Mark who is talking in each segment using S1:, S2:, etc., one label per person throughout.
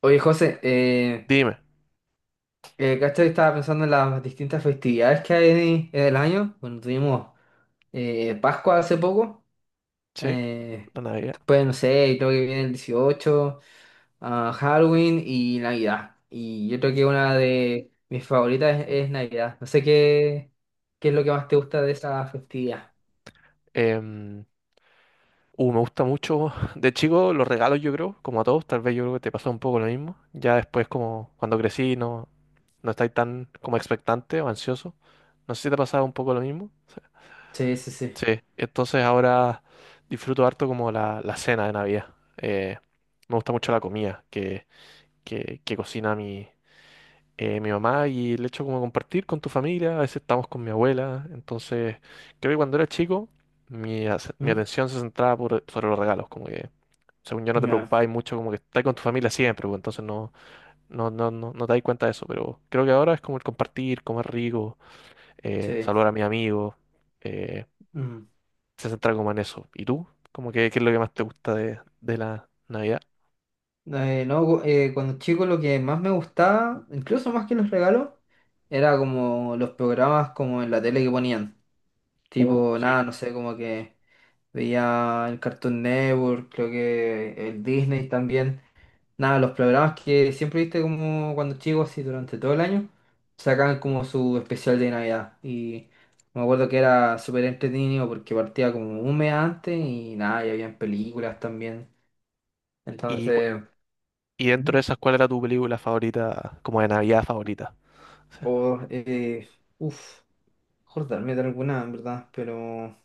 S1: Oye, José,
S2: Dime.
S1: ¿cachai? Estaba pensando en las distintas festividades que hay en el año. Bueno, tuvimos Pascua hace poco.
S2: Sí,
S1: eh,
S2: la Navidad.
S1: Después, no sé, creo que viene el 18, ah, Halloween y Navidad. Y yo creo que una de mis favoritas es Navidad. No sé qué es lo que más te gusta de esa festividad.
S2: Em, Me gusta mucho. De chico, los regalos, yo creo, como a todos, tal vez yo creo que te pasó un poco lo mismo. Ya después, como cuando crecí, no, no estáis tan como expectante o ansioso. No sé si te pasaba un poco lo mismo.
S1: Sí, sí, sí.
S2: Sí, entonces ahora disfruto harto como la cena de Navidad. Me gusta mucho la comida que cocina mi mi mamá y el hecho como compartir con tu familia, a veces estamos con mi abuela, entonces creo que cuando era chico mi
S1: ¿Mm?
S2: atención se centraba sobre los regalos, como que según yo no te
S1: Ya,
S2: preocupabas mucho, como que estás con tu familia siempre, pues, entonces no te das cuenta de eso, pero creo que ahora es como el compartir, comer rico,
S1: sí.
S2: saludar a mis amigos, eh,
S1: Mm.
S2: se centra como en eso. ¿Y tú? Como que, ¿qué es lo que más te gusta de la Navidad?
S1: No, cuando chico lo que más me gustaba, incluso más que los regalos, era como los programas como en la tele que ponían. Tipo,
S2: Sí.
S1: nada, no sé, como que veía el Cartoon Network, creo que el Disney también. Nada, los programas que siempre viste como cuando chico, así durante todo el año, sacaban como su especial de Navidad. Y me acuerdo que era súper entretenido porque partía como un mes antes y nada, y habían películas también.
S2: ¿Y,
S1: Entonces.
S2: y dentro de esas, cuál era tu película favorita, como de Navidad favorita?
S1: O, uff, acordarme de alguna, en verdad, pero,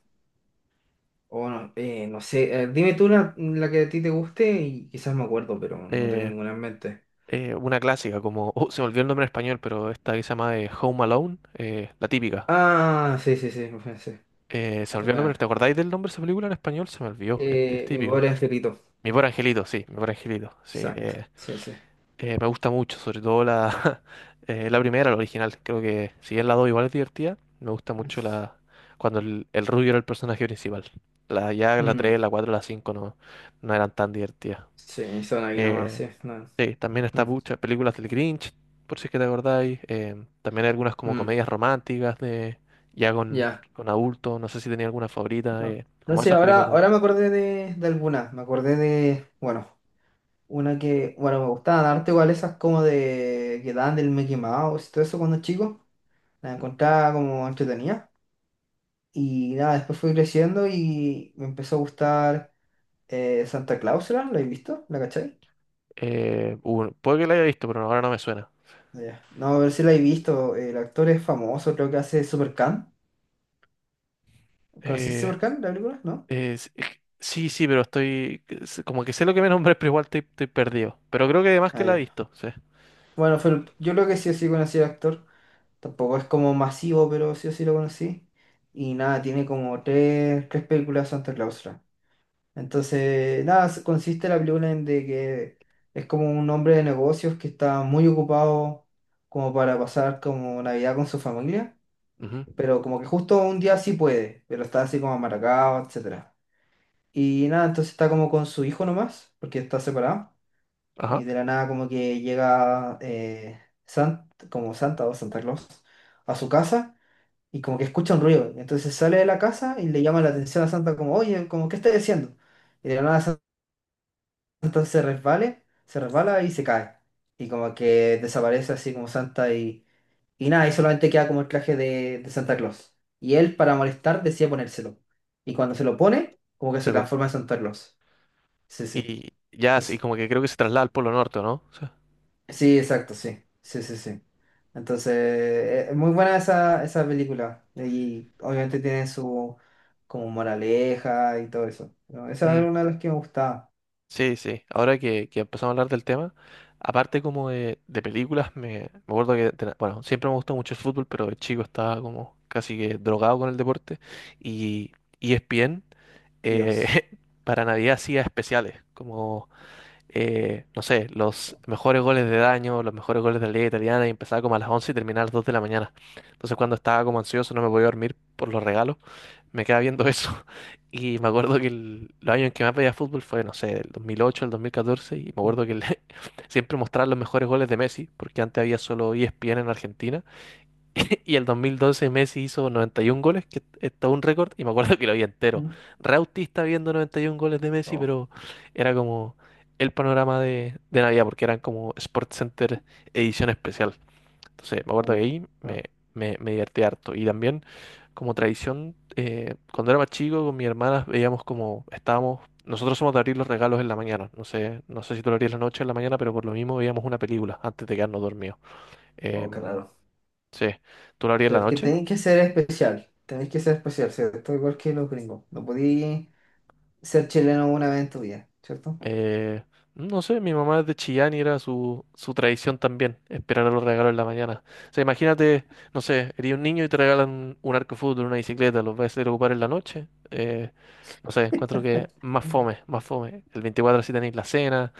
S1: o no, no sé, dime tú la que a ti te guste y quizás me acuerdo, pero no tengo
S2: eh,
S1: ninguna en mente.
S2: una clásica como, oh, se me olvidó el nombre en español, pero esta que se llama Home Alone, la típica.
S1: Ah, sí, sí, sí, me pensé.
S2: Se me
S1: Es
S2: olvidó el nombre,
S1: buena.
S2: ¿te acordáis del nombre de esa película en español? Se me olvidó, es
S1: Mi
S2: típico.
S1: pobre angelito.
S2: Mi pobre angelito, sí, mi pobre angelito, sí.
S1: Exacto, sí, sí.
S2: Me gusta mucho, sobre todo la, la primera, la original. Creo que si bien la 2 igual es divertida, me gusta mucho la cuando el rubio era el personaje principal. Ya la
S1: Mm,
S2: 3 la 4 la 5 no, no eran tan divertidas.
S1: sí, son aquí nomás,
S2: Eh,
S1: sí. No,
S2: Sí, también está
S1: mm,
S2: muchas películas del Grinch, por si es que te acordáis. También hay algunas como
S1: mm,
S2: comedias románticas de ya
S1: ya.
S2: con adultos. No sé si tenía alguna favorita,
S1: No.
S2: como
S1: Entonces,
S2: esas
S1: ahora,
S2: películas también.
S1: ahora me acordé de alguna, me acordé de, bueno. Una que, bueno, me gustaban harto igual esas como de que daban del Mickey Mouse y todo eso cuando chico. La encontraba como entretenida. Y nada, después fui creciendo y me empezó a gustar Santa Claus. ¿La he visto? ¿La cachai?
S2: Puede que la haya visto, pero ahora no me suena.
S1: Ya. No, a ver si la he visto. El actor es famoso, creo que hace Supercan. ¿Conocís
S2: Eh,
S1: Supercan, la película? ¿No?
S2: sí, sí, pero estoy. Es como que sé lo que me nombré, pero igual estoy perdido. Pero creo que además que
S1: Ah,
S2: la he
S1: ya.
S2: visto, sí.
S1: Bueno, fue yo creo que sí o sí conocí al actor. Tampoco es como masivo, pero sí o sí lo conocí. Y nada, tiene como tres películas de Santa Claus. Entonces, nada, consiste la película en de que es como un hombre de negocios que está muy ocupado como para pasar como Navidad con su familia,
S2: Ujú.
S1: pero como que justo un día sí puede, pero está así como amargado, etcétera. Y nada, entonces está como con su hijo nomás, porque está separado,
S2: Ajá.
S1: y
S2: O
S1: de la nada como que llega como Santa o Santa Claus a su casa y como que escucha un ruido. Entonces sale de la casa y le llama la atención a Santa como, oye, como, ¿qué estás haciendo? Y de la nada entonces se resbala y se cae. Y como que desaparece así como Santa y nada, y solamente queda como el traje de Santa Claus. Y él, para molestar, decide ponérselo. Y cuando se lo pone, como que se
S2: sea,
S1: transforma en Santa Claus. Sí, sí.
S2: y ya, sí,
S1: Entonces,
S2: como que creo que se traslada al Polo Norte, ¿no? Sí.
S1: sí, exacto, sí. Sí, sí, sí. Entonces, es muy buena esa película. Y obviamente tiene su como moraleja y todo eso. Pero esa
S2: Mm.
S1: era una de las que me gustaba.
S2: Sí, sí. Ahora que empezamos a hablar del tema, aparte como de películas, me acuerdo que, bueno, siempre me gustó mucho el fútbol, pero el chico estaba como casi que drogado con el deporte. Y ESPN eh,
S1: Dios.
S2: para Navidad hacía especiales, como no sé, los mejores goles de daño, los mejores goles de la liga italiana y empezaba como a las 11 y terminaba a las 2 de la mañana. Entonces cuando estaba como ansioso, no me podía dormir por los regalos, me quedaba viendo eso. Y me acuerdo que el, los años en que más veía fútbol fue, no sé, el 2008, el 2014, y me
S1: Mm,
S2: acuerdo que el- siempre mostraban los mejores goles de Messi, porque antes había solo ESPN en Argentina. Y el 2012 Messi hizo 91 goles, que es todo un récord, y me acuerdo que lo vi entero.
S1: mm.
S2: Re autista viendo 91 goles de Messi,
S1: Oh,
S2: pero era como el panorama de Navidad, porque eran como Sports Center edición especial. Entonces, me acuerdo que
S1: uh,
S2: ahí
S1: ah,
S2: me divertí harto. Y también, como tradición, cuando era más chico, con mi hermana veíamos como estábamos. Nosotros somos de abrir los regalos en la mañana. No sé, no sé si tú lo abrías en la noche o en la mañana, pero por lo mismo veíamos una película antes de quedarnos dormidos.
S1: oh, qué
S2: Em,
S1: raro.
S2: sí. ¿Tú lo abrías en la
S1: Pero que
S2: noche?
S1: tenéis que ser especial, tenéis que ser especial, ¿cierto? Igual que los gringos. No podéis ser chileno una vez en tu vida, ¿cierto?
S2: Eh, no sé, mi mamá es de Chillán y era su tradición también, esperar a los regalos en la mañana. O sea, imagínate, no sé, eres un niño y te regalan un arco de fútbol, una bicicleta, los vas a ir a ocupar en la noche. No sé, encuentro que más fome, más fome. El 24 sí tenéis la cena,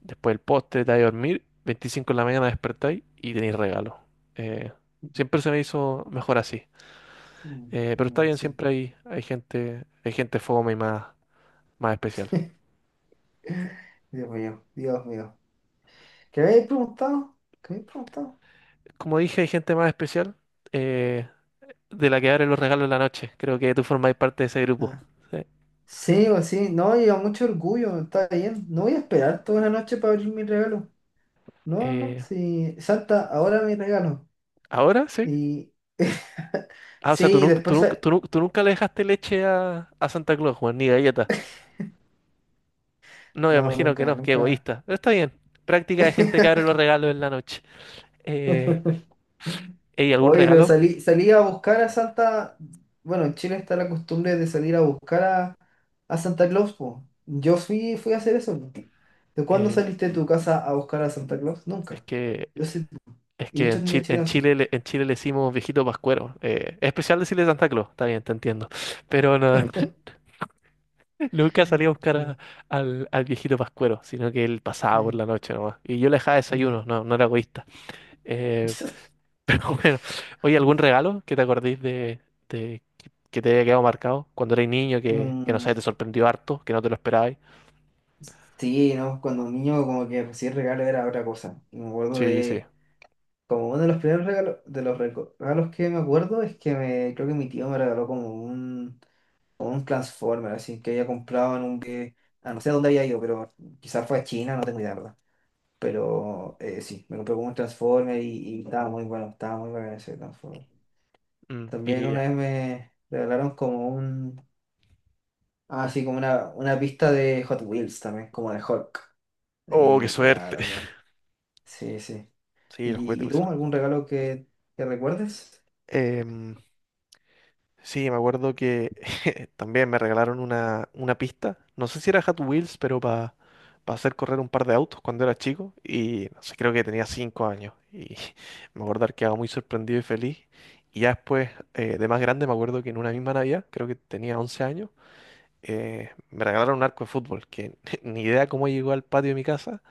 S2: después el postre, te vais a dormir, 25 en la mañana despertáis y tenéis regalo. Eh, Siempre se me hizo mejor así.
S1: Mm,
S2: Pero está
S1: mm,
S2: bien,
S1: sí.
S2: siempre hay, hay gente fome y más, más especial.
S1: Dios mío, Dios mío. ¿Qué habéis preguntado? ¿Qué habéis preguntado?
S2: Como dije, hay gente más especial eh, de la que abren los regalos en la noche. Creo que tú formás parte de ese grupo.
S1: Ah.
S2: ¿Sí?
S1: Sí, o sí, no, lleva mucho orgullo, está bien. No voy a esperar toda la noche para abrir mi regalo. No, no,
S2: Eh,
S1: sí. Santa, ahora mi regalo.
S2: Ahora sí.
S1: Y
S2: Ah, o sea,
S1: sí, después.
S2: tú nunca le dejaste leche a Santa Claus, Juan, ni galletas. No, me
S1: No,
S2: imagino que
S1: nunca,
S2: no, qué
S1: nunca.
S2: egoísta. Pero está bien. Práctica de gente que abre los regalos en la noche. Eh, ¿Y algún
S1: Oye, pero
S2: regalo?
S1: salí a buscar a Santa. Bueno, en Chile está la costumbre de salir a buscar a Santa Claus, po. Yo fui a hacer eso, po. ¿De cuándo
S2: Eh,
S1: saliste de tu casa a buscar a Santa Claus?
S2: es
S1: Nunca.
S2: que,
S1: Yo sí.
S2: es
S1: Y
S2: que en
S1: muchas niñas
S2: Chile,
S1: chilenas sí.
S2: En Chile le decimos viejito pascuero. Es especial decirle Santa Claus, está bien, te entiendo. Pero no. Nunca salía a buscar
S1: Ah,
S2: a- al, al viejito Pascuero, sino que él pasaba por
S1: ay,
S2: la noche nomás. Y yo le dejaba
S1: ay.
S2: desayuno, no, no era egoísta. Eh, pero bueno, oye, ¿algún regalo que te acordéis de, de- que te haya quedado marcado cuando eras niño, que no
S1: Mm,
S2: sé, te sorprendió harto, que no te lo esperabais?
S1: sí, ¿no? Cuando un niño como que recibir regalo era otra cosa. Y me acuerdo
S2: Sí, sí.
S1: de, como uno de los primeros regalos, de los regalos que me acuerdo es que me, creo que mi tío me regaló como un, o un Transformer, así que había comprado en un que no sé dónde había ido, pero quizás fue a China, no tengo idea, ¿verdad? Pero sí, me compré como un Transformer y, estaba muy bueno ese Transformer.
S2: Mm,
S1: También
S2: y,
S1: una vez me regalaron como un, ah, sí, como una pista de Hot Wheels también, como de Hulk.
S2: oh, qué
S1: Y nada,
S2: suerte.
S1: también. Sí, sí.
S2: Sí, los
S1: ¿Y
S2: juguetes.
S1: tú algún regalo que recuerdes?
S2: Pulsero. Sí, me acuerdo que también me regalaron una pista. No sé si era Hot Wheels, pero para hacer correr un par de autos cuando era chico. Y no sé, creo que tenía cinco años. Y me acuerdo que estaba muy sorprendido y feliz. Y ya después, de más grande, me acuerdo que en una misma Navidad, creo que tenía 11 años, me regalaron un arco de fútbol, que ni idea cómo llegó al patio de mi casa,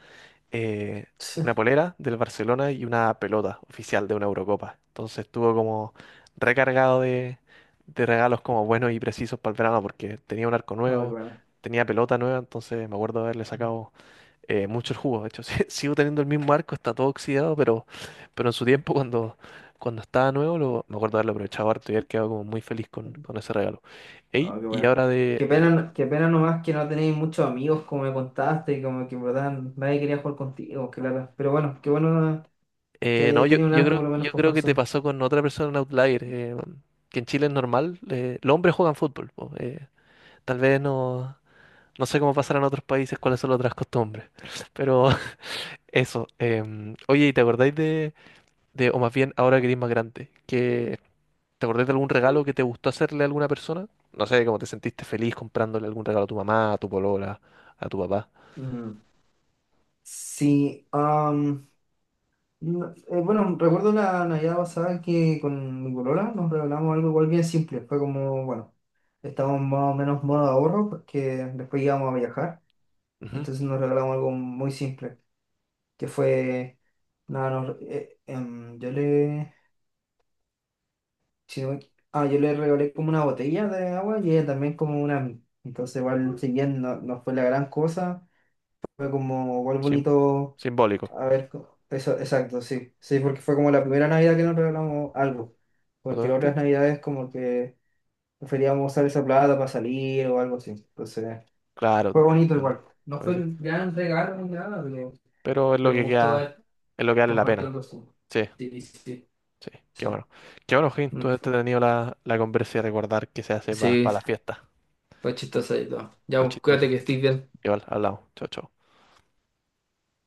S2: eh, una polera del Barcelona y una pelota oficial de una Eurocopa. Entonces estuvo como recargado de regalos como buenos y precisos para el verano porque tenía un arco
S1: Ah, qué
S2: nuevo,
S1: bueno.
S2: tenía pelota nueva, entonces me acuerdo de haberle sacado mucho el jugo. De hecho, sí, sigo teniendo el mismo arco, está todo oxidado, pero en su tiempo cuando, cuando estaba nuevo lo, me acuerdo de haberlo aprovechado harto y haber quedado como muy feliz con ese regalo. Ey,
S1: No, qué
S2: y
S1: buena.
S2: ahora
S1: Qué pena,
S2: de-
S1: qué pena nomás que no tenéis muchos amigos, como me contaste, y como que en verdad nadie quería jugar contigo, claro. Pero bueno, qué bueno que
S2: No,
S1: hayas tenido un arco por lo menos
S2: yo
S1: para
S2: creo
S1: jugar
S2: que te
S1: solo.
S2: pasó con otra persona en Outlier, que en Chile es normal, los hombres juegan fútbol, po, tal vez no, no sé cómo pasará en otros países, cuáles son las otras costumbres, pero eso. Oye, ¿y te acordáis de, o más bien ahora que eres más grande, que te acordáis de algún regalo que te gustó hacerle a alguna persona? No sé, cómo te sentiste feliz comprándole algún regalo a tu mamá, a tu polola, a tu papá.
S1: Mm. Sí, am, no- bueno, recuerdo la Navidad pasada que con mi polola nos regalamos algo igual bien simple. Fue como, bueno, estábamos más o menos modo ahorro porque después íbamos a viajar.
S2: Ujú.
S1: Entonces nos regalamos algo muy simple, que fue, nada, si no me equi- ah, yo le regalé como una botella de agua y ella también como una a mí. Entonces, igual, si bien no fue la gran cosa, fue como igual
S2: sim-
S1: bonito.
S2: Simbólico,
S1: A ver, eso, exacto, sí. Sí, porque fue como la primera Navidad que nos regalamos algo. Porque las
S2: obviamente.
S1: otras Navidades, como que preferíamos usar esa plata para salir o algo así. Entonces,
S2: Claro,
S1: fue
S2: te
S1: bonito
S2: entiendo.
S1: igual. No fue el gran regalo ni nada, pero,
S2: Pero es lo
S1: pero me
S2: que
S1: gustó
S2: queda,
S1: haber
S2: es lo que vale la
S1: compartido
S2: pena.
S1: algo así.
S2: Sí,
S1: Sí, sí,
S2: sí, qué
S1: sí.
S2: bueno. Qué bueno, Jim, tú has tenido la conversa y recordar que se hace para
S1: Sí.
S2: la fiesta.
S1: Fue chistoso y todo. Ya,
S2: Lo
S1: pues, cuídate
S2: chistoso.
S1: que estés bien.
S2: Igual, hablamos. Chao, chao.